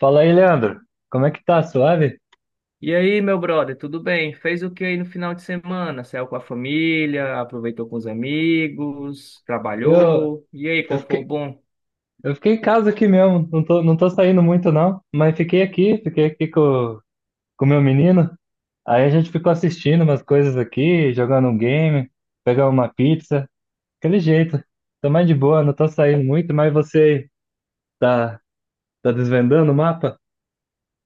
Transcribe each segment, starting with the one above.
Fala aí, Leandro. Como é que tá? Suave? E aí, meu brother, tudo bem? Fez o que aí no final de semana? Saiu com a família, aproveitou com os amigos, Eu, trabalhou. E aí, eu qual foi o fiquei, bom? eu fiquei em casa aqui mesmo. Não tô saindo muito, não. Mas fiquei aqui com o meu menino. Aí a gente ficou assistindo umas coisas aqui, jogando um game, pegando uma pizza. Aquele jeito. Tô mais de boa, não tô saindo muito. Mas você tá, tá desvendando o mapa?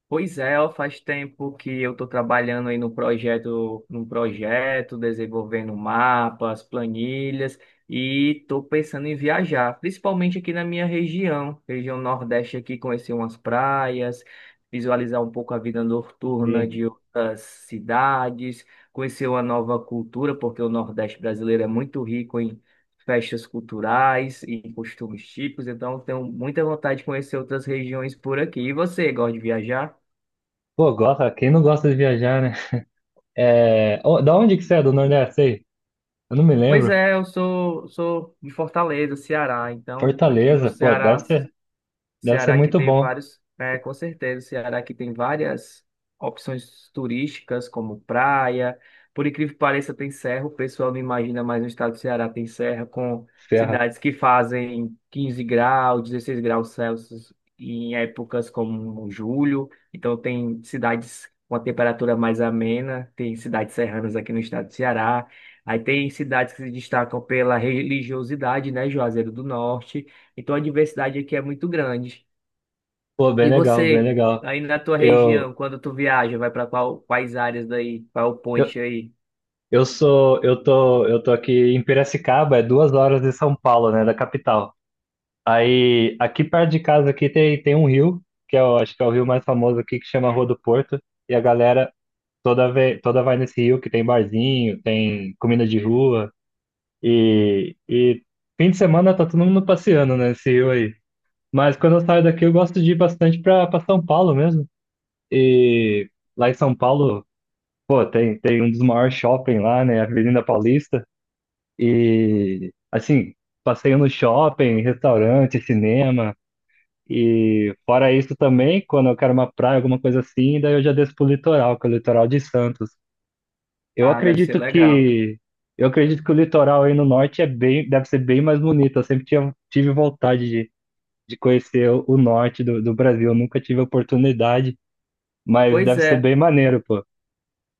Pois é, ó, faz tempo que eu estou trabalhando aí no projeto, num projeto, desenvolvendo mapas, planilhas e estou pensando em viajar, principalmente aqui na minha região, região Nordeste aqui, conhecer umas praias, visualizar um pouco a vida noturna Sim. de outras cidades, conhecer uma nova cultura, porque o Nordeste brasileiro é muito rico em festas culturais e costumes típicos, então tenho muita vontade de conhecer outras regiões por aqui. E você, gosta de viajar? Pô, gosta, quem não gosta de viajar, né? É, ô, da onde que você é, do Nordeste aí? Eu não me Pois lembro. é, sou de Fortaleza, Ceará. Então, aqui no Fortaleza, pô, Ceará deve ser Ceará que muito tem bom. vários, é, com certeza, Ceará que tem várias opções turísticas, como praia. Por incrível que pareça, tem serra. O pessoal não imagina, mas no estado do Ceará tem serra com Serra. cidades que fazem 15 graus, 16 graus Celsius em épocas como julho. Então, tem cidades com a temperatura mais amena, tem cidades serranas aqui no estado do Ceará. Aí tem cidades que se destacam pela religiosidade, né? Juazeiro do Norte. Então a diversidade aqui é muito grande. Pô, bem E legal, bem você, legal. aí na tua Eu, região, quando tu viaja, vai para qual, quais áreas daí? Qual é o eu, point aí? Eu tô aqui em Piracicaba, é duas horas de São Paulo, né, da capital. Aí, aqui perto de casa aqui tem um rio, que é o, acho que é o rio mais famoso aqui, que chama Rua do Porto, e a galera toda vê, toda vai nesse rio, que tem barzinho, tem comida de rua, e fim de semana tá todo mundo passeando né, nesse rio aí. Mas quando eu saio daqui, eu gosto de ir bastante pra São Paulo mesmo. E lá em São Paulo, pô, tem um dos maiores shopping lá, né? Avenida Paulista. E, assim, passeio no shopping, restaurante, cinema. E, fora isso também, quando eu quero uma praia, alguma coisa assim, daí eu já desço pro litoral, que é o litoral de Santos. Eu Ah, deve ser acredito legal. que. Eu acredito que o litoral aí no norte é bem, deve ser bem mais bonito. Eu sempre tinha, tive vontade de conhecer o norte do Brasil. Eu nunca tive a oportunidade, mas Pois deve ser é, bem maneiro, pô.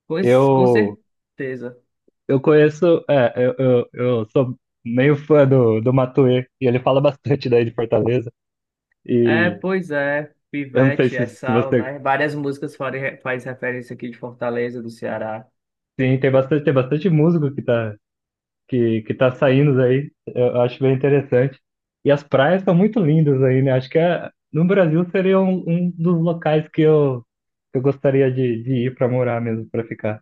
pois, com Eu, certeza. Eu conheço, é, eu sou meio fã do Matuê, e ele fala bastante daí de Fortaleza, É, e pois é. eu não sei Pivete, se, é se sal, você, né? Várias músicas fazem faz referência aqui de Fortaleza, do Ceará. sim, tem bastante músico que tá, que tá saindo aí, eu acho bem interessante, e as praias são muito lindas aí, né, acho que é, no Brasil seria um, um dos locais que eu gostaria de ir para morar mesmo, para ficar.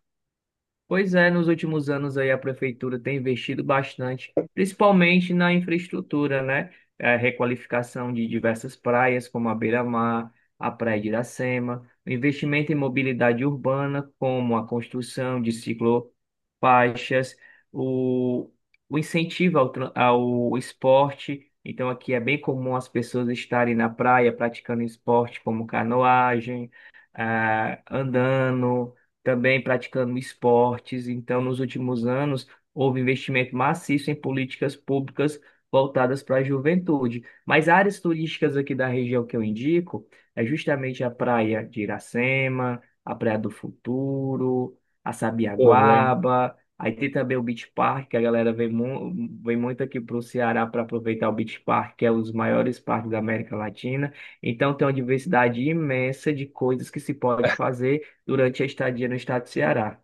Pois é, nos últimos anos aí a prefeitura tem investido bastante, principalmente na infraestrutura, né? É, requalificação de diversas praias, como a Beira-Mar, a Praia de Iracema, investimento em mobilidade urbana, como a construção de ciclofaixas, o, o incentivo ao, ao esporte. Então, aqui é bem comum as pessoas estarem na praia praticando esporte, como canoagem, andando também praticando esportes. Então, nos últimos anos, houve investimento maciço em políticas públicas voltadas para a juventude. Mas áreas turísticas aqui da região que eu indico é justamente a Praia de Iracema, a Praia do Futuro, a Pô, bem, Sabiaguaba. Aí tem também o Beach Park, que a galera vem, vem muito aqui para o Ceará para aproveitar o Beach Park, que é um dos maiores parques da América Latina. Então tem uma diversidade imensa de coisas que se pode fazer durante a estadia no estado do Ceará.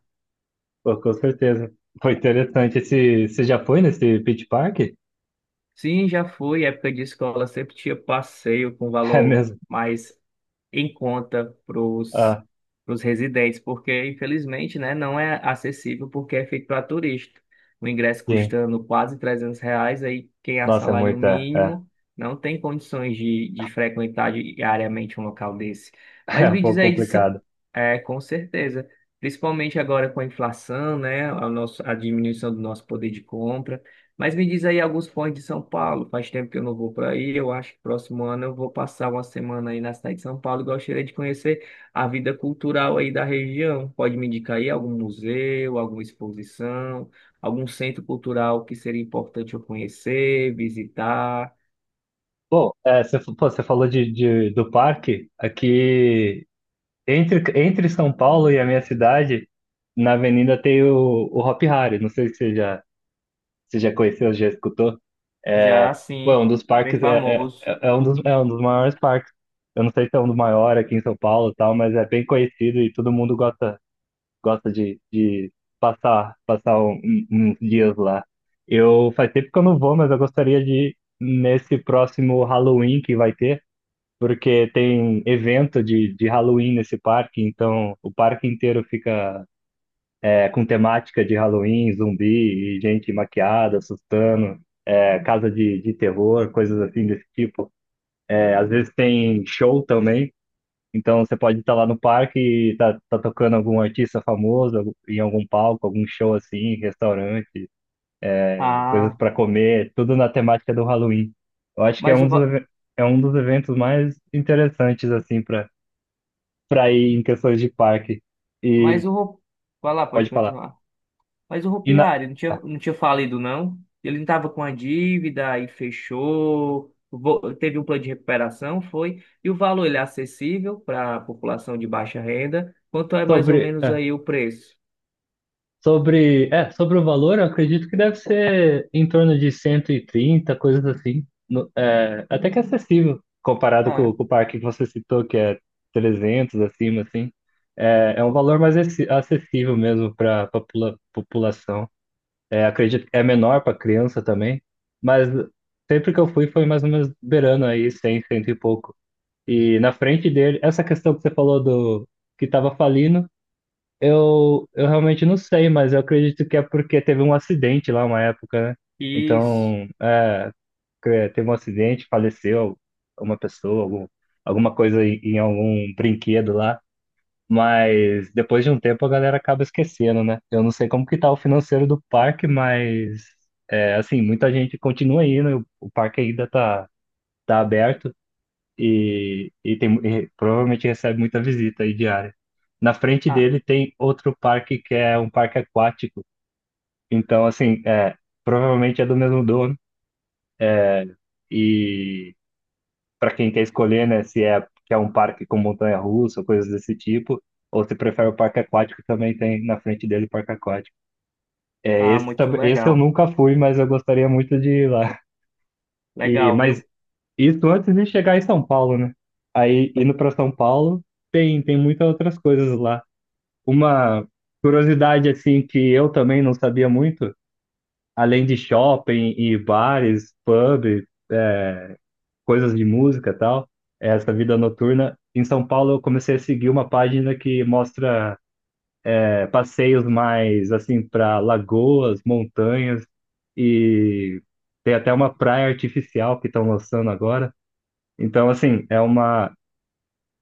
pô, com certeza, foi interessante, esse, você já foi nesse Beach Park? Sim, já foi, época de escola sempre tinha passeio com É valor mesmo? mais em conta para os Ah, residentes, porque infelizmente, né, não é acessível porque é feito para turista. O ingresso sim. custando quase R$ 300, aí quem é Nossa, é salário muito, é, é, mínimo não tem condições de frequentar diariamente um local desse. é Mas um me diz pouco aí, complicado. é, com certeza, principalmente agora com a inflação, né, a, nossa, a diminuição do nosso poder de compra. Mas me diz aí alguns pontos de São Paulo. Faz tempo que eu não vou para aí. Eu acho que próximo ano eu vou passar uma semana aí na cidade de São Paulo e gostaria de conhecer a vida cultural aí da região. Pode me indicar aí algum museu, alguma exposição, algum centro cultural que seria importante eu conhecer, visitar? Bom, é, você, fa- pô, você falou de- do parque, aqui entre São Paulo e a minha cidade, na avenida tem o Hop Hari, não sei se você já, se já conheceu, já escutou. Já Pô, é sim. um dos Bem parques, é, é, famoso. é um dos, é um dos maiores parques. Eu não sei se é um dos maiores aqui em São Paulo e tal, mas é bem conhecido e todo mundo gosta, gosta de passar, passar um- um, uns dias lá. Eu faz tempo que eu não vou, mas eu gostaria de ir nesse próximo Halloween que vai ter, porque tem evento de Halloween nesse parque, então o parque inteiro fica é, com temática de Halloween, zumbi e gente maquiada, assustando, é, casa de terror, coisas assim desse tipo. É, às vezes tem show também. Então você pode estar lá no parque e tá tocando algum artista famoso algum- em algum palco, algum show assim, restaurante, coisas Ah, para comer, tudo na temática do Halloween. Eu acho que é mas um o dos, va- eve- é um dos eventos mais interessantes assim para ir em questões de parque. mas E eu vou falar, pode pode falar. continuar. Mas o E Hopi na, Hari não tinha, ah, não tinha falido, não? Ele não tava com a dívida, aí fechou, teve um plano de recuperação, foi. E o valor, ele é acessível para a população de baixa renda? Quanto é mais ou sobre menos ah, aí o preço? sobre, é, sobre o valor, eu acredito que deve ser em torno de 130 coisas assim. No- é, até que é acessível, comparado Ah, com o parque que você citou, que é 300 acima, assim. É, é um co- valor mais acessi- acessível mesmo para a população. É, acredito que é menor para criança também, mas sempre que eu fui foi mais ou menos beirando aí 100, cento e pouco. E na frente dele, essa questão que você falou do que estava falindo, eu realmente não sei, mas eu acredito que é porque teve um acidente lá uma época, né? isso. Então, é, teve um acidente, faleceu uma pessoa, algum, alguma coisa em, em algum brinquedo lá. Mas depois de um tempo a galera acaba esquecendo, né? Eu não sei como que tá o financeiro do parque, mas é, assim, muita gente continua indo, o parque ainda tá, tá aberto e, tem, e provavelmente recebe muita visita aí diária. Na frente Ah, dele tem outro parque que é um parque aquático. Então, assim, é, provavelmente é do mesmo dono. E para quem quer escolher, né, se é, que é um parque com montanha-russa, ou coisas desse tipo, ou se prefere o parque aquático, também tem na frente dele o parque aquático. É, ah, esse, tam- muito esse eu legal. nunca fui, mas eu gostaria muito de ir lá. E, Legal, viu? mas isso antes de chegar em São Paulo, né? Aí, indo para São Paulo, tem muitas outras coisas lá. Uma curiosidade assim que eu também não sabia muito, além de shopping e bares, pub, coisas de música e tal, é essa vida noturna. Em São Paulo eu comecei a seguir uma página que mostra é, passeios mais assim para lagoas, montanhas e tem até uma praia artificial que estão lançando agora. Então assim,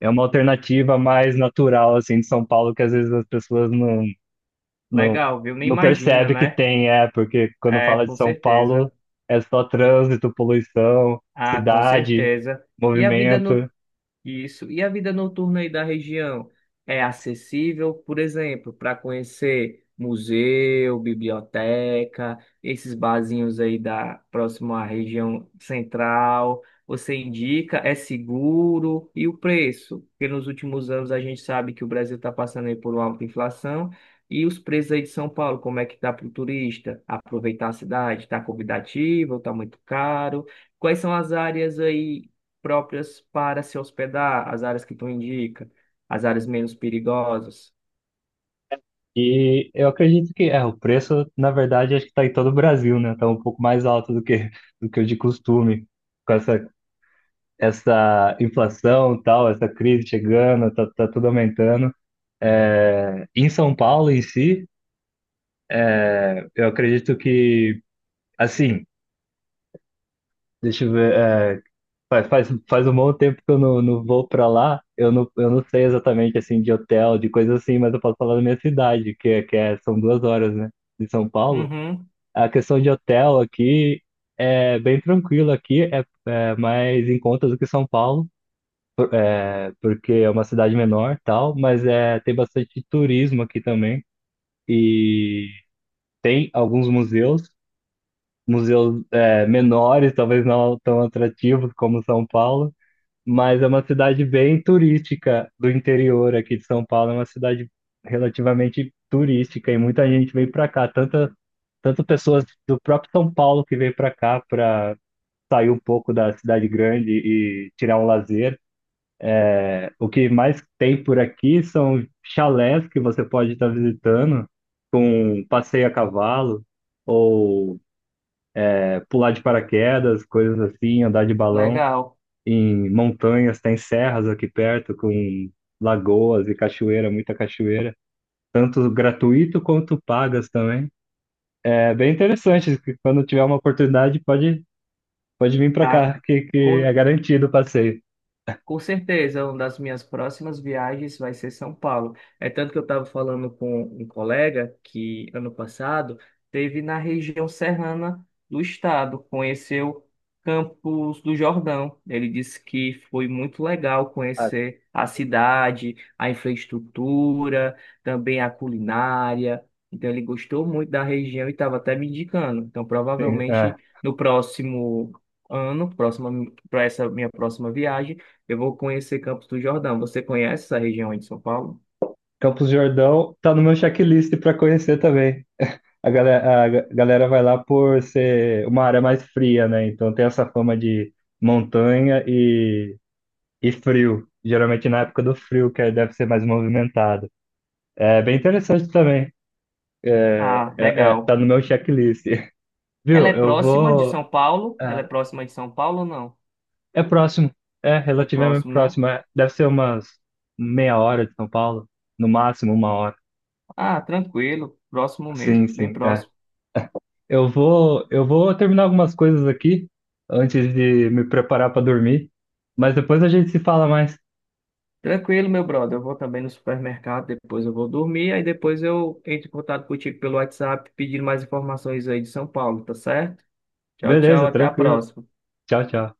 é uma alternativa mais natural assim de São Paulo que às vezes as pessoas não não, Legal, viu? Nem não imagina, percebe que né? tem, é, porque quando É, fala de com São Paulo certeza. é só trânsito, poluição, Ah, com cidade, certeza. E a vida no movimento. Isso. E a vida noturna aí da região é acessível, por exemplo, para conhecer museu, biblioteca, esses barzinhos aí da próximo à região central. Você indica, é seguro e o preço? Porque nos últimos anos a gente sabe que o Brasil está passando aí por uma alta inflação. E os preços aí de São Paulo, como é que tá para o turista? Aproveitar a cidade, está convidativo, está muito caro? Quais são as áreas aí próprias para se hospedar, as áreas que tu indica, as áreas menos perigosas. E eu acredito que é, o preço, na verdade, acho que está em todo o Brasil, né? Está um pouco mais alto do que o de costume. Com essa, essa inflação, e tal, essa crise chegando, tá, tá tudo aumentando. É, em São Paulo em si, eu acredito que, assim, deixa eu ver. É, faz um bom tempo que eu não, não vou pra lá. Eu não sei exatamente assim de hotel, de coisa assim, mas eu posso falar da minha cidade, que é, são duas horas, né? De São Paulo. Uhum, A questão de hotel aqui é bem tranquilo aqui, é, é mais em conta do que São Paulo, é, porque é uma cidade menor, tal, mas é, tem bastante turismo aqui também. E tem alguns museus, museus é, menores, talvez não tão atrativos como São Paulo mas é uma cidade bem turística do interior aqui de São Paulo. É uma cidade relativamente turística e muita gente vem para cá. Tanta, tanto pessoas do próprio São Paulo que vem para cá para sair um pouco da cidade grande e tirar um lazer. O que mais tem por aqui são chalés que você pode estar visitando, com passeio a cavalo, ou é, pular de paraquedas, coisas assim, andar de balão. legal. Em montanhas, tem serras aqui perto com lagoas e cachoeira, muita cachoeira, tanto gratuito quanto pagas também. É bem interessante, que quando tiver uma oportunidade pode vir para Ah, cá, que com é garantido o passeio. Com certeza, uma das minhas próximas viagens vai ser São Paulo. É tanto que eu estava falando com um colega que ano passado teve na região serrana do estado, conheceu Campos do Jordão. Ele disse que foi muito legal conhecer a cidade, a infraestrutura, também a culinária. Então ele gostou muito da região e estava até me indicando. Então Sim, é. provavelmente no próximo ano, próxima para essa minha próxima viagem eu vou conhecer Campos do Jordão. Você conhece essa região aí de São Paulo? Campos do Jordão tá no meu checklist para conhecer também. A galera vai lá por ser uma área mais fria, né? Então tem essa fama de montanha e frio. Geralmente na época do frio, que aí deve ser mais movimentado. É bem interessante também. É, Ah, é- é- tá legal. no meu checklist. Ela é Viu? Eu próxima de vou. São Paulo? Ela é Ah, próxima de São Paulo ou não? é, próximo. É É relativamente próximo, né? próximo. É, deve ser umas meia hora de São Paulo. No máximo uma hora. Ah, tranquilo. Próximo mesmo, Sim, bem sim. É. próximo. Eu vou terminar algumas coisas aqui antes de me preparar para dormir. Mas depois a gente se fala mais. Tranquilo, meu brother. Eu vou também no supermercado, depois eu vou dormir, aí depois eu entro em contato contigo pelo WhatsApp pedindo mais informações aí de São Paulo, tá certo? Tchau, tchau, Beleza, até a tranquilo. próxima. Tchau, tchau.